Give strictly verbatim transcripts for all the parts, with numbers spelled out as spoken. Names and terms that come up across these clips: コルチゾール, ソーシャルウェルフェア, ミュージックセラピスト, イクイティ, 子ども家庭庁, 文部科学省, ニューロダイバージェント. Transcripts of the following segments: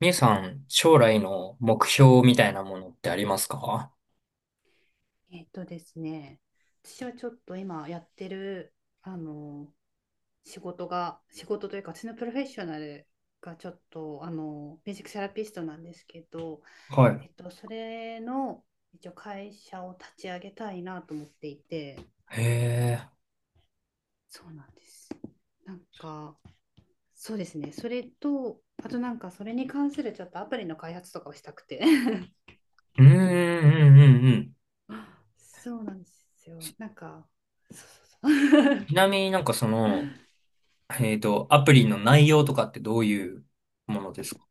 みゆさん、将来の目標みたいなものってありますか？えっとですね、私はちょっと今やってる、あの、仕事が、仕事というか、私のプロフェッショナルがちょっと、あの、ミュージックセラピストなんですけど、はえっと、それの、一応会社を立ち上げたいなと思っていて、い。へえ。そうなんです。なんか、そうですね、それと、あとなんか、それに関するちょっとアプリの開発とかをしたくて。うん、うん、うん、うん。そうなんですよ。なんか、そうそうそう。ちなみになんかその、えっと、アプリの内容とかってどういうものですか？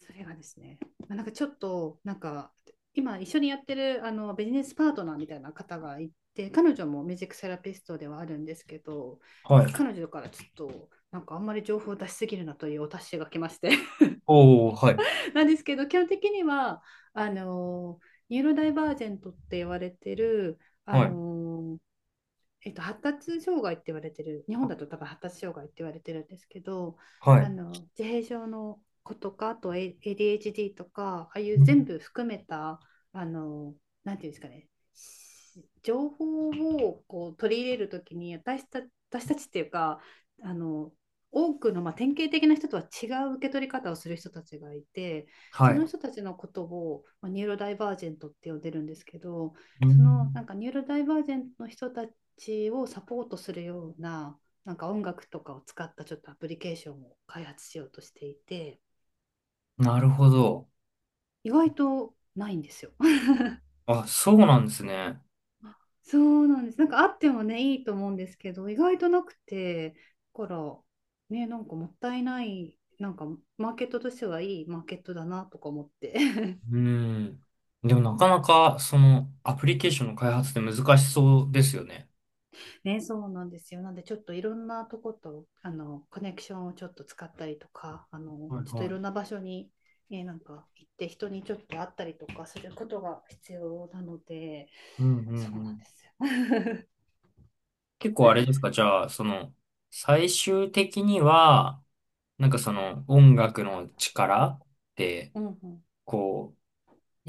それがですね、まあ、なんかちょっとなんか今一緒にやってるあのビジネスパートナーみたいな方がいて、彼女もミュージックセラピストではあるんですけど、なはんかい。彼女からちょっとなんかあんまり情報を出しすぎるなというお達しが来まして、 おー、はい、なんですけど基本的にはあのニューロダイバージェントって言われてる、あはい、のえっと、発達障害って言われてる、日本だと多分発達障害って言われてるんですけど、はあい。の自閉症の子とか、あと エーディーエイチディー とか、ああいううん。全部含めた、あの、なんていうんですかね、情報をこう取り入れるときに私た、私たちっていうか、あの、多くの、まあ、典型的な人とは違う受け取り方をする人たちがいて、はそい。の人たちのことを、まあ、ニューロダイバージェントって呼んでるんですけど、うそのなん。んかニューロダイバージェントの人たちちをサポートするような、なんか音楽とかを使ったちょっとアプリケーションを開発しようとしていて、なるほど。意外とないんですよ。あ、そうなんですね。そうなんです。なんかあってもね、いいと思うんですけど、意外となくて、だから、ね、なんかもったいない、なんかマーケットとしてはいいマーケットだなとか思って。 うん。でもなかなか、その、アプリケーションの開発って難しそうですよね。ね、そうなんですよ。なんで、ちょっといろんなとこと、あの、コネクションをちょっと使ったりとか、あの、はい。ちょっといはろい。んな場所に、えーなんか行って、人にちょっと会ったりとかすることが必要なので、うんそうなんうん。ですよ。結構あれですか？じゃあ、その、最終的には、なんかその 音楽の力って、うんうん、こう、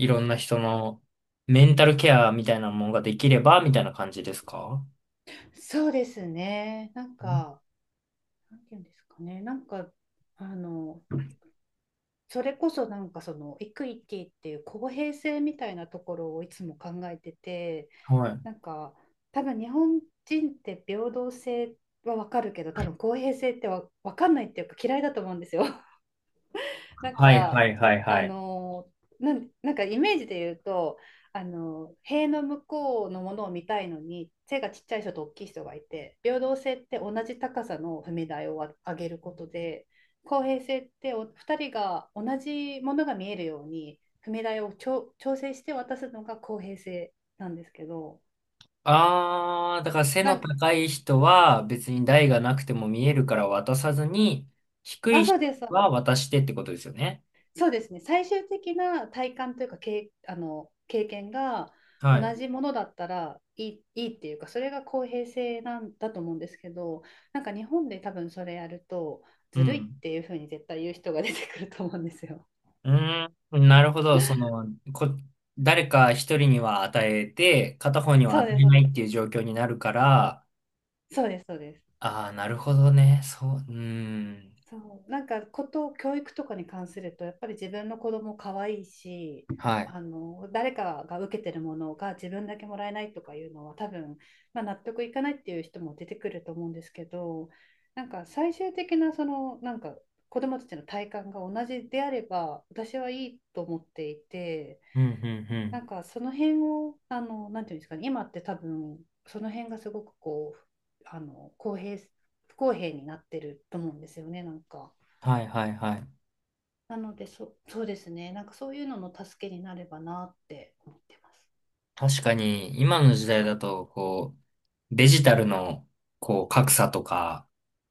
いろんな人のメンタルケアみたいなものができれば、みたいな感じですか？そうですね。なんん。か、なんていうんですかね。なんか、あの、それこそなんかそのイクイティっていう公平性みたいなところをいつも考えてて、はい。なんか多分日本人って平等性はわかるけど、多分公平性ってわ、かんないっていうか嫌いだと思うんですよ。なんはいかはいはいあはい。のーなん、なんかイメージで言うと、あのー塀の向こうのものを見たいのに背がちっちゃい人と大きい人がいて、平等性って同じ高さの踏み台をわ上げることで、公平性ってお二人が同じものが見えるように踏み台をちょ調整して渡すのが公平性なんですけど、あー、だから背なのん高い人は別に台がなくても見えるから渡さずに、低あ、いそ人うです、そうではす。渡してってことですよね。そうですね。最終的な体感というか、経あの、経験がは同い。じものだったら、いい、いいっていうか、それが公平性なんだと思うんですけど、なんか日本で多分それやると、うずるいっん。ていうふうに絶対言う人が出てくると思うんですよ。うーん、なるほど。その、こ、誰か一人には与えて、片方にはそ与うです、えそうないでっす。ていう状況になるから。そうです、そうです。ああ、なるほどね。そう、うーん。そう、なんかこと教育とかに関するとやっぱり自分の子供可愛いし、はい。あの誰かが受けてるものが自分だけもらえないとかいうのは多分、まあ、納得いかないっていう人も出てくると思うんですけど、なんか最終的なそのなんか子供たちの体感が同じであれば私はいいと思っていて、うん、うん、うなん。んかその辺をあのなんていうんですかね、今って多分その辺がすごくこうあの公平不公平になってると思うんですよね、なんか。はい、はい、はい。なのでそ、そうですね、なんかそういうのの助けになればなって思ってます。確かに、今の時代だと、こう、デジタルの、こう、格差とか、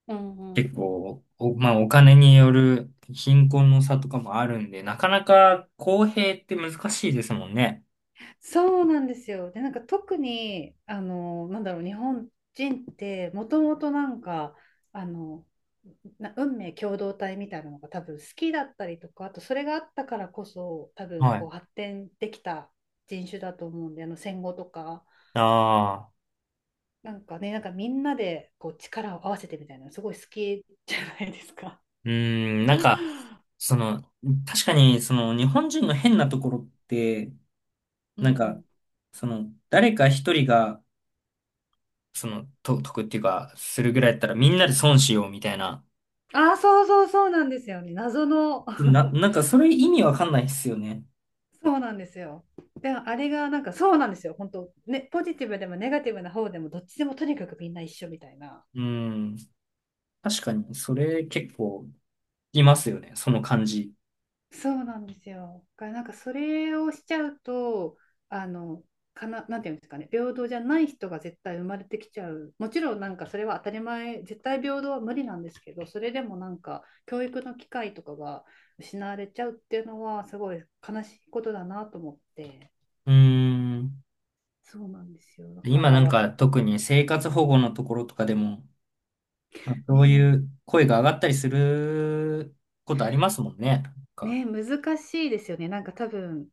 うんうん、結構、お、まあ、お金による貧困の差とかもあるんで、なかなか公平って難しいですもんね。そうなんですよ。で、なんか特に、あの、なんだろう、日本人ってもともとなんか、あの、な運命共同体みたいなのが多分好きだったりとか、あとそれがあったからこそ多分はい。こう発展できた人種だと思うんで、あの戦後とか、ああ。なんかね、なんかみんなでこう力を合わせてみたいなのすごい好きじゃないですか。うーん、なんか、その、確かに、その、日本人の変なところって、うんうなんか、ん、その、誰か一人が、その、と、得っていうか、するぐらいだったら、みんなで損しようみたいな。ああ、そうそうそうなんですよね。謎の。 な、なんか、それ意味わかんないっすよね。そうなんですよ。で、あれがなんかそうなんですよ。本当ね、ポジティブでもネガティブな方でもどっちでもとにかくみんな一緒みたいな。うーん、確かに、それ結構、いますよね、その感じ。そうなんですよ。だからなんかそれをしちゃうと、あの、かな、なんていうんですかね、平等じゃない人が絶対生まれてきちゃう。もちろんなんかそれは当たり前、絶対平等は無理なんですけど、それでもなんか教育の機会とかが失われちゃうっていうのはすごい悲しいことだなと思って。うーん、そうなんですよ。だか今なんらか、特に生活保護のところとかでも、まあ、そうね、いう声が上がったりすることありますもんね。なんか、ね、難しいですよね。なんか多分、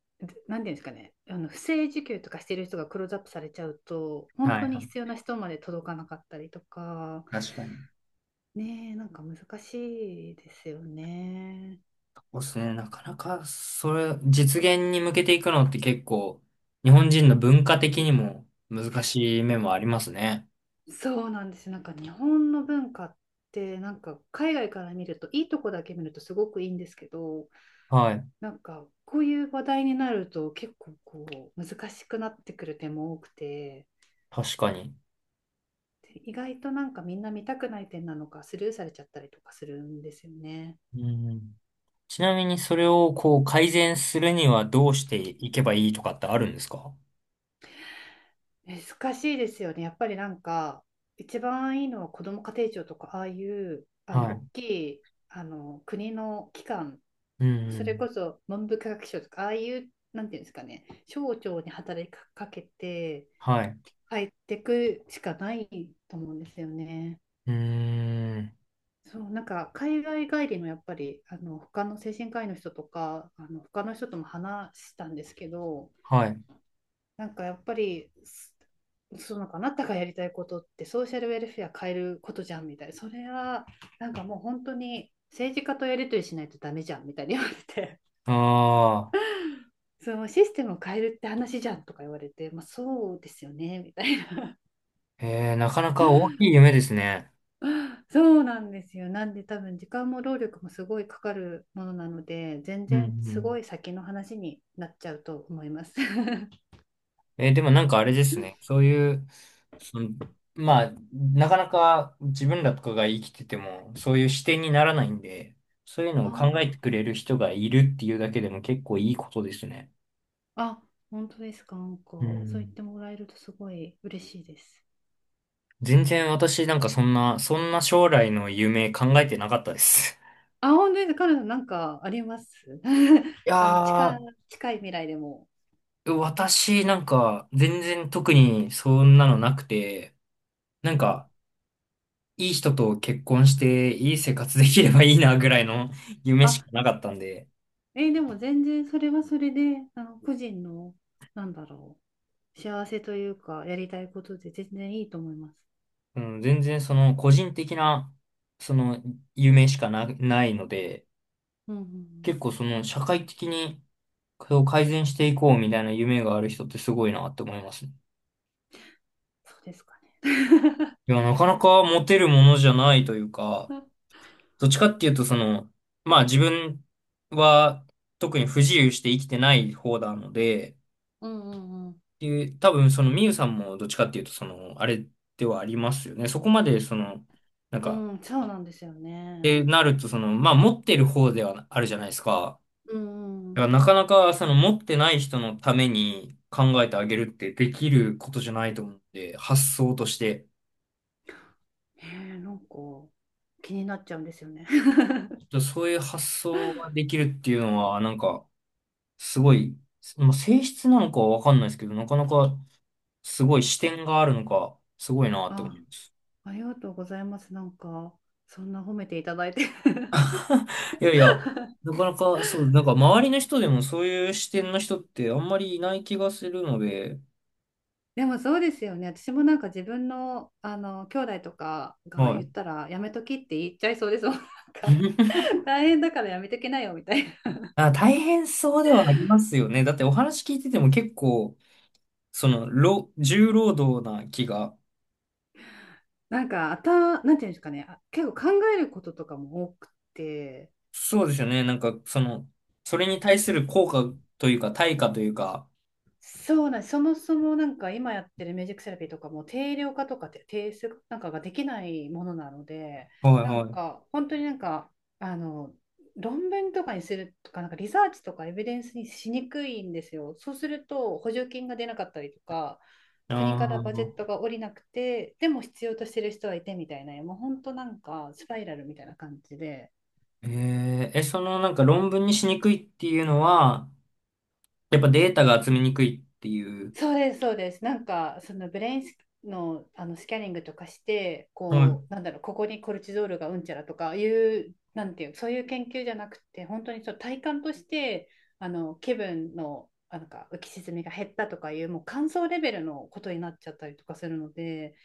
なんていうんですかね、あの不正受給とかしてる人がクローズアップされちゃうと、は本当いはに必い。要な人まで届かなかったりとか、確かに。ね、なんか難しいですよね。そうでそすね。なうかなか、それ、実現に向けていくのって結構、日本人の文化的にも難しい面もありますね。そう、なんですよ。なんか日本の文化ってなんか海外から見るといいとこだけ見るとすごくいいんですけど、はい。なんかこういう話題になると結構こう難しくなってくる点も多くて、確かに。意外となんかみんな見たくない点なのかスルーされちゃったりとかするんですよね。うん。ちなみに、それをこう、改善するにはどうしていけばいいとかってあるんですか？難しいですよね。やっぱりなんか一番いいのは、子ども家庭庁とかああいうあはのい。大きいあの国の機関、うんうそれん。こそ文部科学省とかああいう、なんていうんですかね、省庁に働きかけてはい。入ってくしかないと思うんですよね。うーん。そう、なんか海外帰りのやっぱりあの他の精神科医の人とかあの他の人とも話したんですけど、はい。なんかやっぱりすそのかあなたがやりたいことってソーシャルウェルフェア変えることじゃんみたいな、それはなんかもう本当に政治家とやり取りしないとダメじゃんみたいに言われて。 ああ。そのシステムを変えるって話じゃんとか言われて、まあ、そうですよねみたいな。 えー、なかなか大きい夢ですね。そうなんですよ。なんで多分時間も労力もすごいかかるものなので、全うんう然すごん。い先の話になっちゃうと思います。えーでもなんかあれですね。そういう、その、まあ、なかなか自分らとかが生きてても、そういう視点にならないんで、そういうのをあ考えてくれる人がいるっていうだけでも結構いいことですね。あ、あ、本当ですか。なんうか、そう言っん。てもらえるとすごい嬉しいです。全然私なんかそんな、そんな将来の夢考えてなかったです。あ、本当です。カナダなんかあります。 い あの、近やい、近い未来でも。ー、私なんか全然特にそんなのなくて、うなんん、かいい人と結婚していい生活できればいいなぐらいの 夢あ、しかなかったんで、えーでも全然それはそれで、あの、個人の、なんだろう、幸せというか、やりたいことで全然いいと思います。うん、全然その個人的な、その夢しかな、ないので、うんうんうん、結構その社会的にこれを改善していこうみたいな夢がある人ってすごいなって思いますね。そうですかね。いや、なかなか持てるものじゃないというか、うんどっちかっていうとその、まあ自分は特に不自由して生きてない方なので、っうんうん。ていう多分そのみゆさんもどっちかっていうとその、あれではありますよね。そこまでその、なんうか、ん、そうなんですよっね。てなるとその、まあ持ってる方ではあるじゃないですか。うんうだかん。らなかなかその持ってない人のために考えてあげるってできることじゃないと思うんで、発想として。ねえ、なんか気になっちゃうんですよね。そういう発想ができるっていうのは、なんか、すごい、まあ、性質なのかはわかんないですけど、なかなかすごい視点があるのか、すごいなって思あ、います。ありがとうございます。なんかそんな褒めていただいて。いやいや、なかなか、そう、なんか周りの人でもそういう視点の人ってあんまりいない気がするので。でもそうですよね。私もなんか自分のあの兄弟とかがは言い。ったらやめときって言っちゃいそうですもん。なんか、 大変だからやめときなよみたいな。あ、大変そうではありますよね。だってお話聞いてても結構、その、労重労働な気が。なんかあた、なんていうんですかね。あ結構考えることとかも多くて。そうですよね。なんか、その、それに対する効果というか、対価というか。そうなんです、そもそもなんか今やってるミュージックセラピーとかも定量化とかて定数なんかができないものなので、はいなんはい。か本当になんかあの論文とかにするとか、なんかリサーチとかエビデンスにしにくいんですよ。そうすると補助金が出なかったりとか、あ国からバジェットあ、が下りなくて、でも必要としてる人はいてみたいな、もう本当なんかスパイラルみたいな感じで。えええ、そのなんか論文にしにくいっていうのは、やっぱデータが集めにくいっていう。そうです、そうです。なんか、そのブレインスの、あのスキャニングとかして、はい。こう、なんだろう、ここにコルチゾールがうんちゃらとかいう、なんていう、そういう研究じゃなくて、本当にそう体感として、あの気分の、あなんか浮き沈みが減ったとかいう、もう感想レベルのことになっちゃったりとかするので、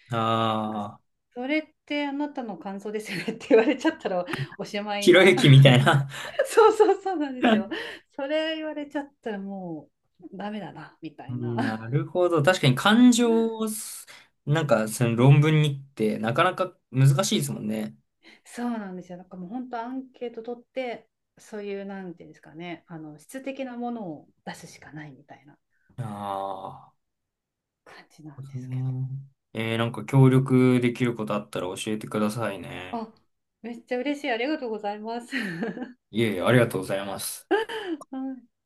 なんか、ああ、それってあなたの感想ですよねって言われちゃったらおしまいひろな。ゆきみた いな。そうそうそう、なんですよ。それ言われちゃったらもうダメだな、みたういな。ん。なるほど。確かに感情をす、なんかその論文にってなかなか難しいですもんね。そうなんですよ。なんかもう本当アンケート取って、そういう、なんていうんですかね、あの、質的なものを出すしかないみたいなああ。感じなんですけえー、なんか協力できることあったら教えてくださいど。ね。あ、めっちゃ嬉しい。ありがとうございます。いえいえ、ありがとうございます。あ